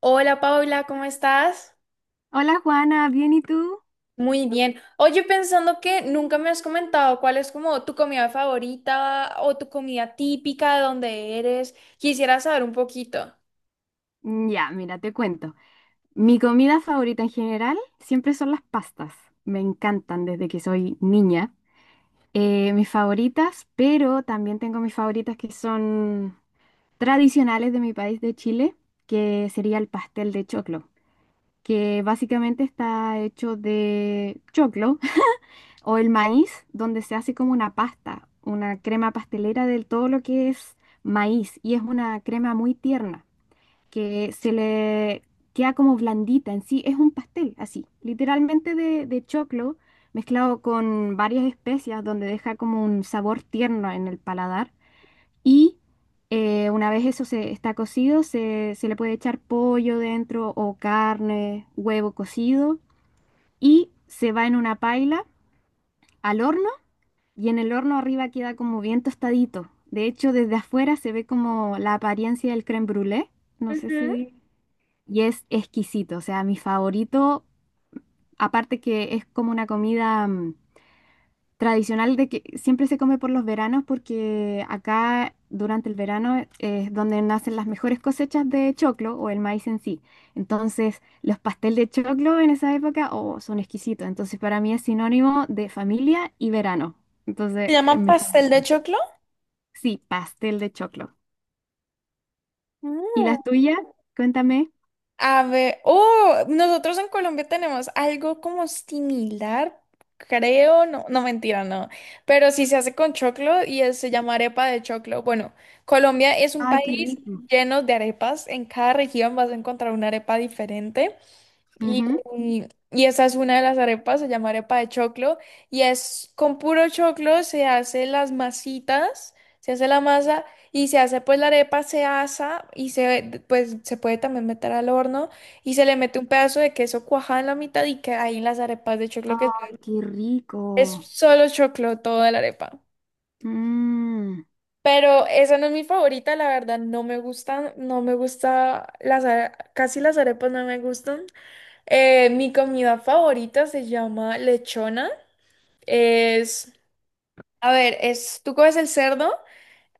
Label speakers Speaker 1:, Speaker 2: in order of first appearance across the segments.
Speaker 1: Hola Paula, ¿cómo estás?
Speaker 2: Hola Juana, ¿bien y tú?
Speaker 1: Muy bien. Oye, pensando que nunca me has comentado cuál es como tu comida favorita o tu comida típica de donde eres, quisiera saber un poquito.
Speaker 2: Ya, mira, te cuento. Mi comida favorita en general siempre son las pastas. Me encantan desde que soy niña. Mis favoritas, pero también tengo mis favoritas que son tradicionales de mi país de Chile, que sería el pastel de choclo, que básicamente está hecho de choclo o el maíz, donde se hace como una pasta, una crema pastelera de todo lo que es maíz y es una crema muy tierna, que se le queda como blandita en sí, es un pastel así, literalmente de choclo mezclado con varias especias donde deja como un sabor tierno en el paladar y una vez eso se está cocido, se le puede echar pollo dentro o carne, huevo cocido y se va en una paila al horno, y en el horno arriba queda como bien tostadito. De hecho, desde afuera se ve como la apariencia del crème brûlée. No sé
Speaker 1: Ujú.
Speaker 2: si. Y es exquisito, o sea, mi favorito, aparte que es como una comida tradicional de que siempre se come por los veranos porque acá durante el verano es donde nacen las mejores cosechas de choclo o el maíz en sí. Entonces, los pastel de choclo en esa época, oh, son exquisitos. Entonces, para mí es sinónimo de familia y verano.
Speaker 1: Se
Speaker 2: Entonces, es
Speaker 1: llama
Speaker 2: mi
Speaker 1: pastel de
Speaker 2: favorito.
Speaker 1: choclo.
Speaker 2: Sí, pastel de choclo. ¿Y
Speaker 1: Mm.
Speaker 2: las tuyas? Cuéntame.
Speaker 1: A ver, oh, nosotros en Colombia tenemos algo como similar, creo, no, no mentira, no, pero sí se hace con choclo y se llama arepa de choclo. Bueno, Colombia es un
Speaker 2: Ay, qué
Speaker 1: país
Speaker 2: rico.
Speaker 1: lleno de arepas, en cada región vas a encontrar una arepa diferente. Y,
Speaker 2: Ujú.
Speaker 1: y esta es una de las arepas, se llama arepa de choclo, y es con puro choclo, se hace las masitas, se hace la masa y se hace pues la arepa, se asa y se pues se puede también meter al horno y se le mete un pedazo de queso cuajado en la mitad y que ahí las arepas de choclo que
Speaker 2: Ay, qué
Speaker 1: es
Speaker 2: rico.
Speaker 1: solo choclo toda la arepa.
Speaker 2: Mm,
Speaker 1: Pero esa no es mi favorita, la verdad, no me gustan, no me gusta las casi las arepas no me gustan. Mi comida favorita se llama lechona. Es, a ver, es, tú coges el cerdo,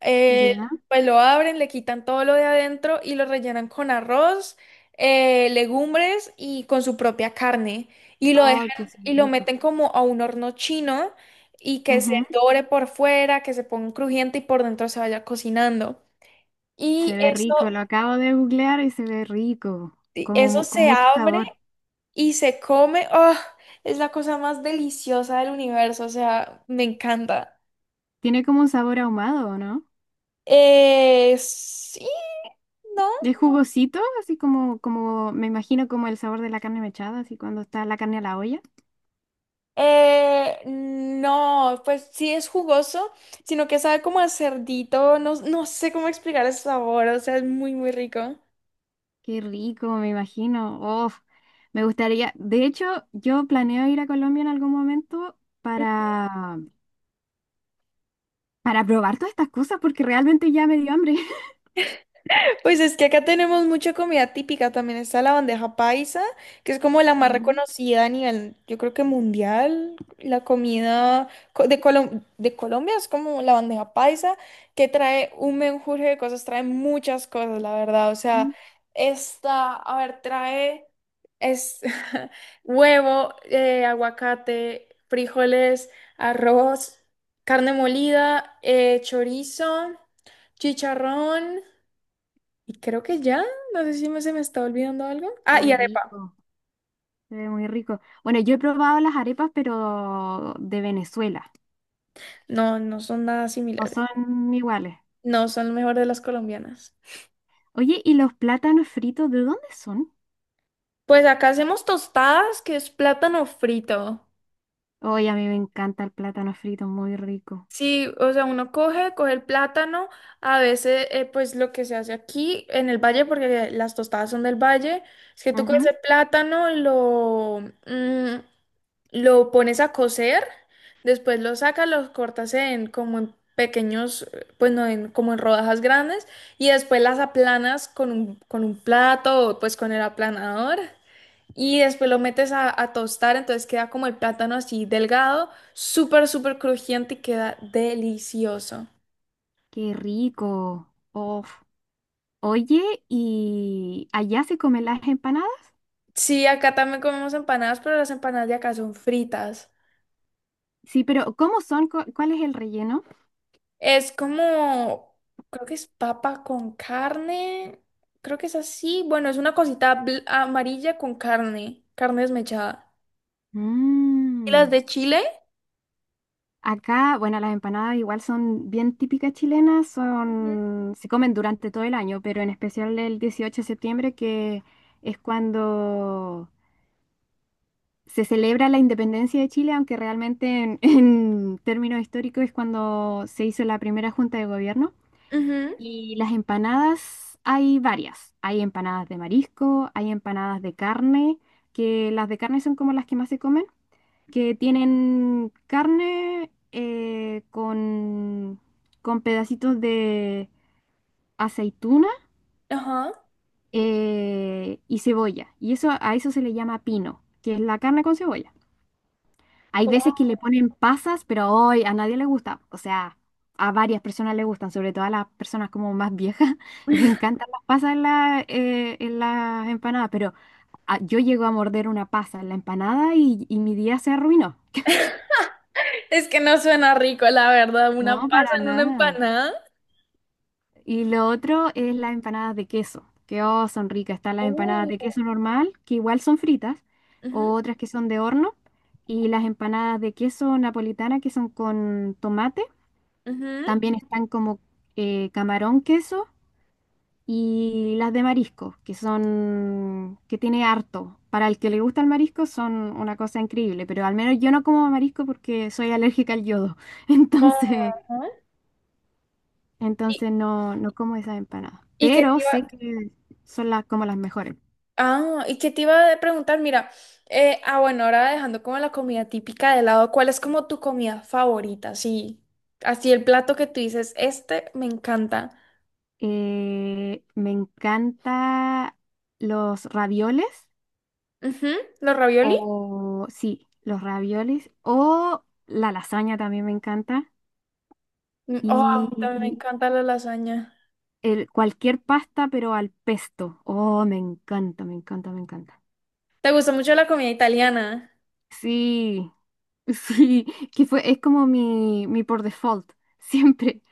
Speaker 1: eh,
Speaker 2: ya.
Speaker 1: pues lo abren, le quitan todo lo de adentro y lo rellenan con arroz, legumbres y con su propia carne. Y lo
Speaker 2: Oh,
Speaker 1: dejan
Speaker 2: que se ve
Speaker 1: y lo
Speaker 2: rico.
Speaker 1: meten como a un horno chino y que se
Speaker 2: Ujú.
Speaker 1: dore por fuera, que se ponga crujiente y por dentro se vaya cocinando.
Speaker 2: Se
Speaker 1: Y
Speaker 2: ve
Speaker 1: eso,
Speaker 2: rico, lo acabo de googlear y se ve rico, como
Speaker 1: eso
Speaker 2: con
Speaker 1: se
Speaker 2: mucho
Speaker 1: abre.
Speaker 2: sabor.
Speaker 1: Y se come, ¡oh!, es la cosa más deliciosa del universo, o sea, me encanta.
Speaker 2: Tiene como un sabor ahumado, ¿no?
Speaker 1: Sí, ¿no?
Speaker 2: Es jugosito, así como, me imagino como el sabor de la carne mechada, así cuando está la carne a la olla.
Speaker 1: No, pues sí es jugoso, sino que sabe como a cerdito, no, no sé cómo explicar el sabor, o sea, es muy, muy rico.
Speaker 2: Qué rico, me imagino. Oh, me gustaría. De hecho, yo planeo ir a Colombia en algún momento para probar todas estas cosas porque realmente ya me dio hambre.
Speaker 1: Pues es que acá tenemos mucha comida típica, también está la bandeja paisa, que es como la más
Speaker 2: Ujú.
Speaker 1: reconocida a nivel, yo creo que mundial. La comida de Colombia es como la bandeja paisa, que trae un menjurje de cosas, trae muchas cosas, la verdad. O sea,
Speaker 2: Mm,
Speaker 1: esta, a ver, trae es, huevo, aguacate, frijoles, arroz, carne molida, chorizo, chicharrón. Y creo que ya, no sé si se me está olvidando algo.
Speaker 2: Se
Speaker 1: Ah, y
Speaker 2: ve
Speaker 1: arepa.
Speaker 2: rico. Se ve muy rico. Bueno, yo he probado las arepas, pero de Venezuela.
Speaker 1: No, no son nada
Speaker 2: No
Speaker 1: similares.
Speaker 2: son iguales.
Speaker 1: No, son lo mejor de las colombianas.
Speaker 2: Oye, ¿y los plátanos fritos de dónde son?
Speaker 1: Pues acá hacemos tostadas, que es plátano frito.
Speaker 2: Oye, a mí me encanta el plátano frito, muy rico.
Speaker 1: Sí, o sea, uno coge, coge el plátano, a veces pues lo que se hace aquí en el valle, porque las tostadas son del valle, es que tú coges
Speaker 2: Ujú.
Speaker 1: el plátano, lo, mm, lo pones a cocer, después lo sacas, los cortas en como en pequeños, pues no, en, como en rodajas grandes, y después las aplanas con un plato o pues con el aplanador. Y después lo metes a tostar, entonces queda como el plátano así delgado, súper, súper crujiente y queda delicioso.
Speaker 2: Qué rico. Uf. Oye, ¿y allá se comen las empanadas?
Speaker 1: Sí, acá también comemos empanadas, pero las empanadas de acá son fritas.
Speaker 2: Sí, pero ¿cómo son? ¿Cuál es el relleno?
Speaker 1: Es como, creo que es papa con carne, creo que es así. Bueno, es una cosita amarilla con carne, carne desmechada. ¿Y
Speaker 2: Mmm.
Speaker 1: las de Chile?
Speaker 2: Acá, bueno, las empanadas igual son bien típicas chilenas,
Speaker 1: Ujú.
Speaker 2: se comen durante todo el año, pero en especial el 18 de septiembre, que es cuando se celebra la independencia de Chile, aunque realmente en términos históricos es cuando se hizo la primera junta de gobierno.
Speaker 1: Ujú.
Speaker 2: Y las empanadas hay varias. Hay empanadas de marisco, hay empanadas de carne, que las de carne son como las que más se comen, que tienen carne, con pedacitos de aceituna,
Speaker 1: Ajá.
Speaker 2: y cebolla. Y eso a eso se le llama pino, que es la carne con cebolla. Hay
Speaker 1: ¿Cómo?
Speaker 2: veces que le ponen pasas, pero hoy a nadie le gusta. O sea, a varias personas le gustan, sobre todo a las personas como más viejas, les encantan las pasas en las empanadas, pero yo llego a morder una pasa en la empanada y mi día se arruinó.
Speaker 1: Es que no suena rico, la verdad, una
Speaker 2: No,
Speaker 1: pasa
Speaker 2: para
Speaker 1: en una
Speaker 2: nada.
Speaker 1: empanada.
Speaker 2: Y lo otro es las empanadas de queso, que, oh, son ricas. Están las empanadas
Speaker 1: Uh.
Speaker 2: de queso normal, que igual son fritas, o
Speaker 1: Ujú.
Speaker 2: otras que son de horno, y las empanadas de queso napolitana, que son con tomate.
Speaker 1: Ujú.
Speaker 2: También están como camarón queso, y las de marisco, que tiene harto. Para el que le gusta el marisco son una cosa increíble, pero al menos yo no como marisco porque soy alérgica al yodo. Entonces,
Speaker 1: Ajá. Y,
Speaker 2: Entonces, no, no como esas empanadas.
Speaker 1: y que te
Speaker 2: Pero
Speaker 1: iba,
Speaker 2: sé que son como las mejores.
Speaker 1: ah, y que te iba a preguntar, mira, bueno, ahora dejando como la comida típica de lado, ¿cuál es como tu comida favorita? Sí, así el plato que tú dices, este me encanta.
Speaker 2: Me encanta los ravioles,
Speaker 1: Ujú. ¿Los ravioli?
Speaker 2: o sí, los ravioles o la lasaña también me encanta,
Speaker 1: Mm. Oh, a mí también me
Speaker 2: y
Speaker 1: encanta la lasaña.
Speaker 2: cualquier pasta, pero al pesto. Oh, me encanta, me encanta, me encanta.
Speaker 1: ¿Te gusta mucho la comida italiana?
Speaker 2: Sí, sí, que fue es como mi por default siempre.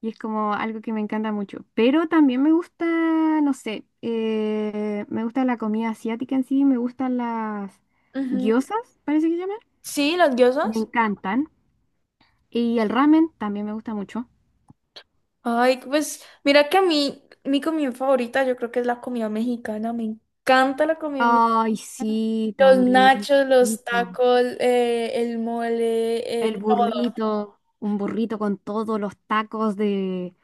Speaker 2: Y es como algo que me encanta mucho. Pero también me gusta, no sé, me gusta la comida asiática en sí, me gustan las
Speaker 1: Ujú.
Speaker 2: gyozas, parece que se llaman.
Speaker 1: Sí, las
Speaker 2: Me
Speaker 1: diosas.
Speaker 2: encantan. Y el ramen también me gusta mucho.
Speaker 1: Ay, pues mira que a mí, mi comida favorita yo creo que es la comida mexicana. Me encanta la comida.
Speaker 2: Ay, sí,
Speaker 1: Los
Speaker 2: también.
Speaker 1: nachos,
Speaker 2: Qué
Speaker 1: los
Speaker 2: rico.
Speaker 1: tacos, el mole,
Speaker 2: El
Speaker 1: todo.
Speaker 2: burrito, un burrito con todos los tacos de...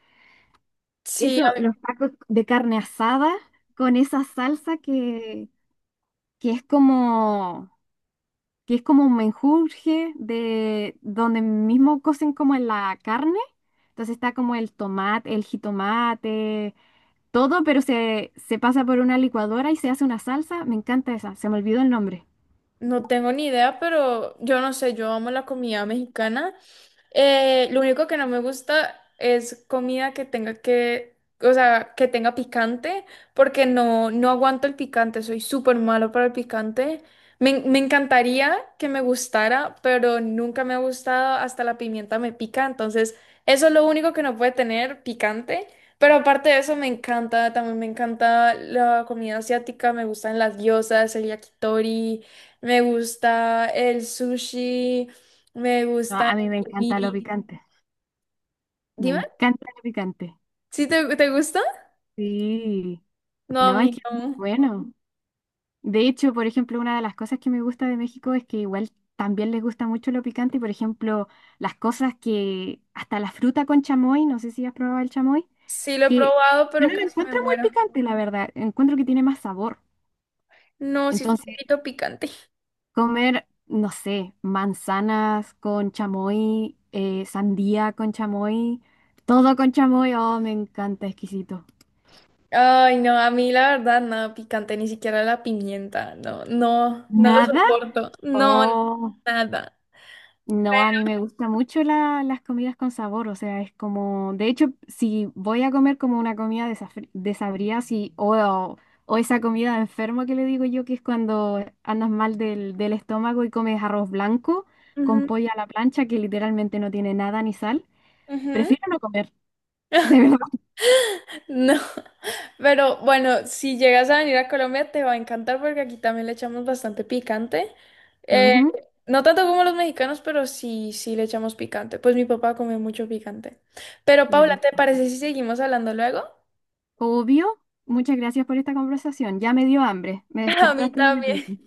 Speaker 1: Sí,
Speaker 2: Eso,
Speaker 1: a
Speaker 2: los tacos de carne asada con esa salsa que es como... que es como un menjurje de donde mismo cocen como en la carne. Entonces está como el tomate, el jitomate, todo, pero se pasa por una licuadora y se hace una salsa. Me encanta esa, se me olvidó el nombre.
Speaker 1: no tengo ni idea, pero yo no sé, yo amo la comida mexicana. Lo único que no me gusta es comida que tenga que, o sea, que tenga picante, porque no, no aguanto el picante, soy súper malo para el picante. Me encantaría que me gustara, pero nunca me ha gustado, hasta la pimienta me pica, entonces eso es lo único que no puede tener picante. Pero aparte de eso me encanta, también me encanta la comida asiática, me gustan las gyozas, el yakitori. Me gusta el sushi, me
Speaker 2: No,
Speaker 1: gusta
Speaker 2: a mí me
Speaker 1: el
Speaker 2: encanta lo
Speaker 1: nigiri.
Speaker 2: picante, me
Speaker 1: Dime,
Speaker 2: encanta lo picante.
Speaker 1: ¿sí te gusta?
Speaker 2: Sí,
Speaker 1: No, a
Speaker 2: no, es
Speaker 1: mí
Speaker 2: que es muy
Speaker 1: no.
Speaker 2: bueno. De hecho, por ejemplo, una de las cosas que me gusta de México es que igual también les gusta mucho lo picante y, por ejemplo, las cosas que, hasta la fruta con chamoy, no sé si has probado el chamoy.
Speaker 1: Sí lo he
Speaker 2: Que
Speaker 1: probado,
Speaker 2: yo
Speaker 1: pero
Speaker 2: no lo
Speaker 1: casi me
Speaker 2: encuentro muy
Speaker 1: muero.
Speaker 2: picante, la verdad. Encuentro que tiene más sabor.
Speaker 1: No, sí es un
Speaker 2: Entonces,
Speaker 1: poquito picante.
Speaker 2: comer, no sé, manzanas con chamoy, sandía con chamoy, todo con chamoy, oh, me encanta, exquisito.
Speaker 1: Ay, no, a mí la verdad nada picante, ni siquiera la pimienta. No, no, no lo
Speaker 2: ¿Nada?
Speaker 1: soporto. No,
Speaker 2: Oh.
Speaker 1: nada.
Speaker 2: No, a mí me gusta mucho las comidas con sabor, o sea, es como, de hecho, si voy a comer como una comida desabrida, si, o esa comida de enfermo que le digo yo, que es cuando andas mal del estómago y comes arroz blanco con
Speaker 1: Ujú,
Speaker 2: pollo a la plancha, que literalmente no tiene nada ni sal,
Speaker 1: ujú.
Speaker 2: prefiero no comer, de verdad.
Speaker 1: No, pero bueno, si llegas a venir a Colombia te va a encantar porque aquí también le echamos bastante picante. Eh,
Speaker 2: Ujú,
Speaker 1: no tanto como los mexicanos, pero sí, sí le echamos picante. Pues mi papá come mucho picante. Pero
Speaker 2: qué
Speaker 1: Paula, ¿te
Speaker 2: rico.
Speaker 1: parece si seguimos hablando luego?
Speaker 2: Obvio, muchas gracias por esta conversación, ya me dio hambre, me
Speaker 1: A mí
Speaker 2: despertaste un
Speaker 1: también.
Speaker 2: apetito.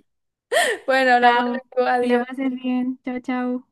Speaker 1: Bueno, hablamos
Speaker 2: Chao,
Speaker 1: luego.
Speaker 2: que la
Speaker 1: Adiós.
Speaker 2: pases bien, chao, chao.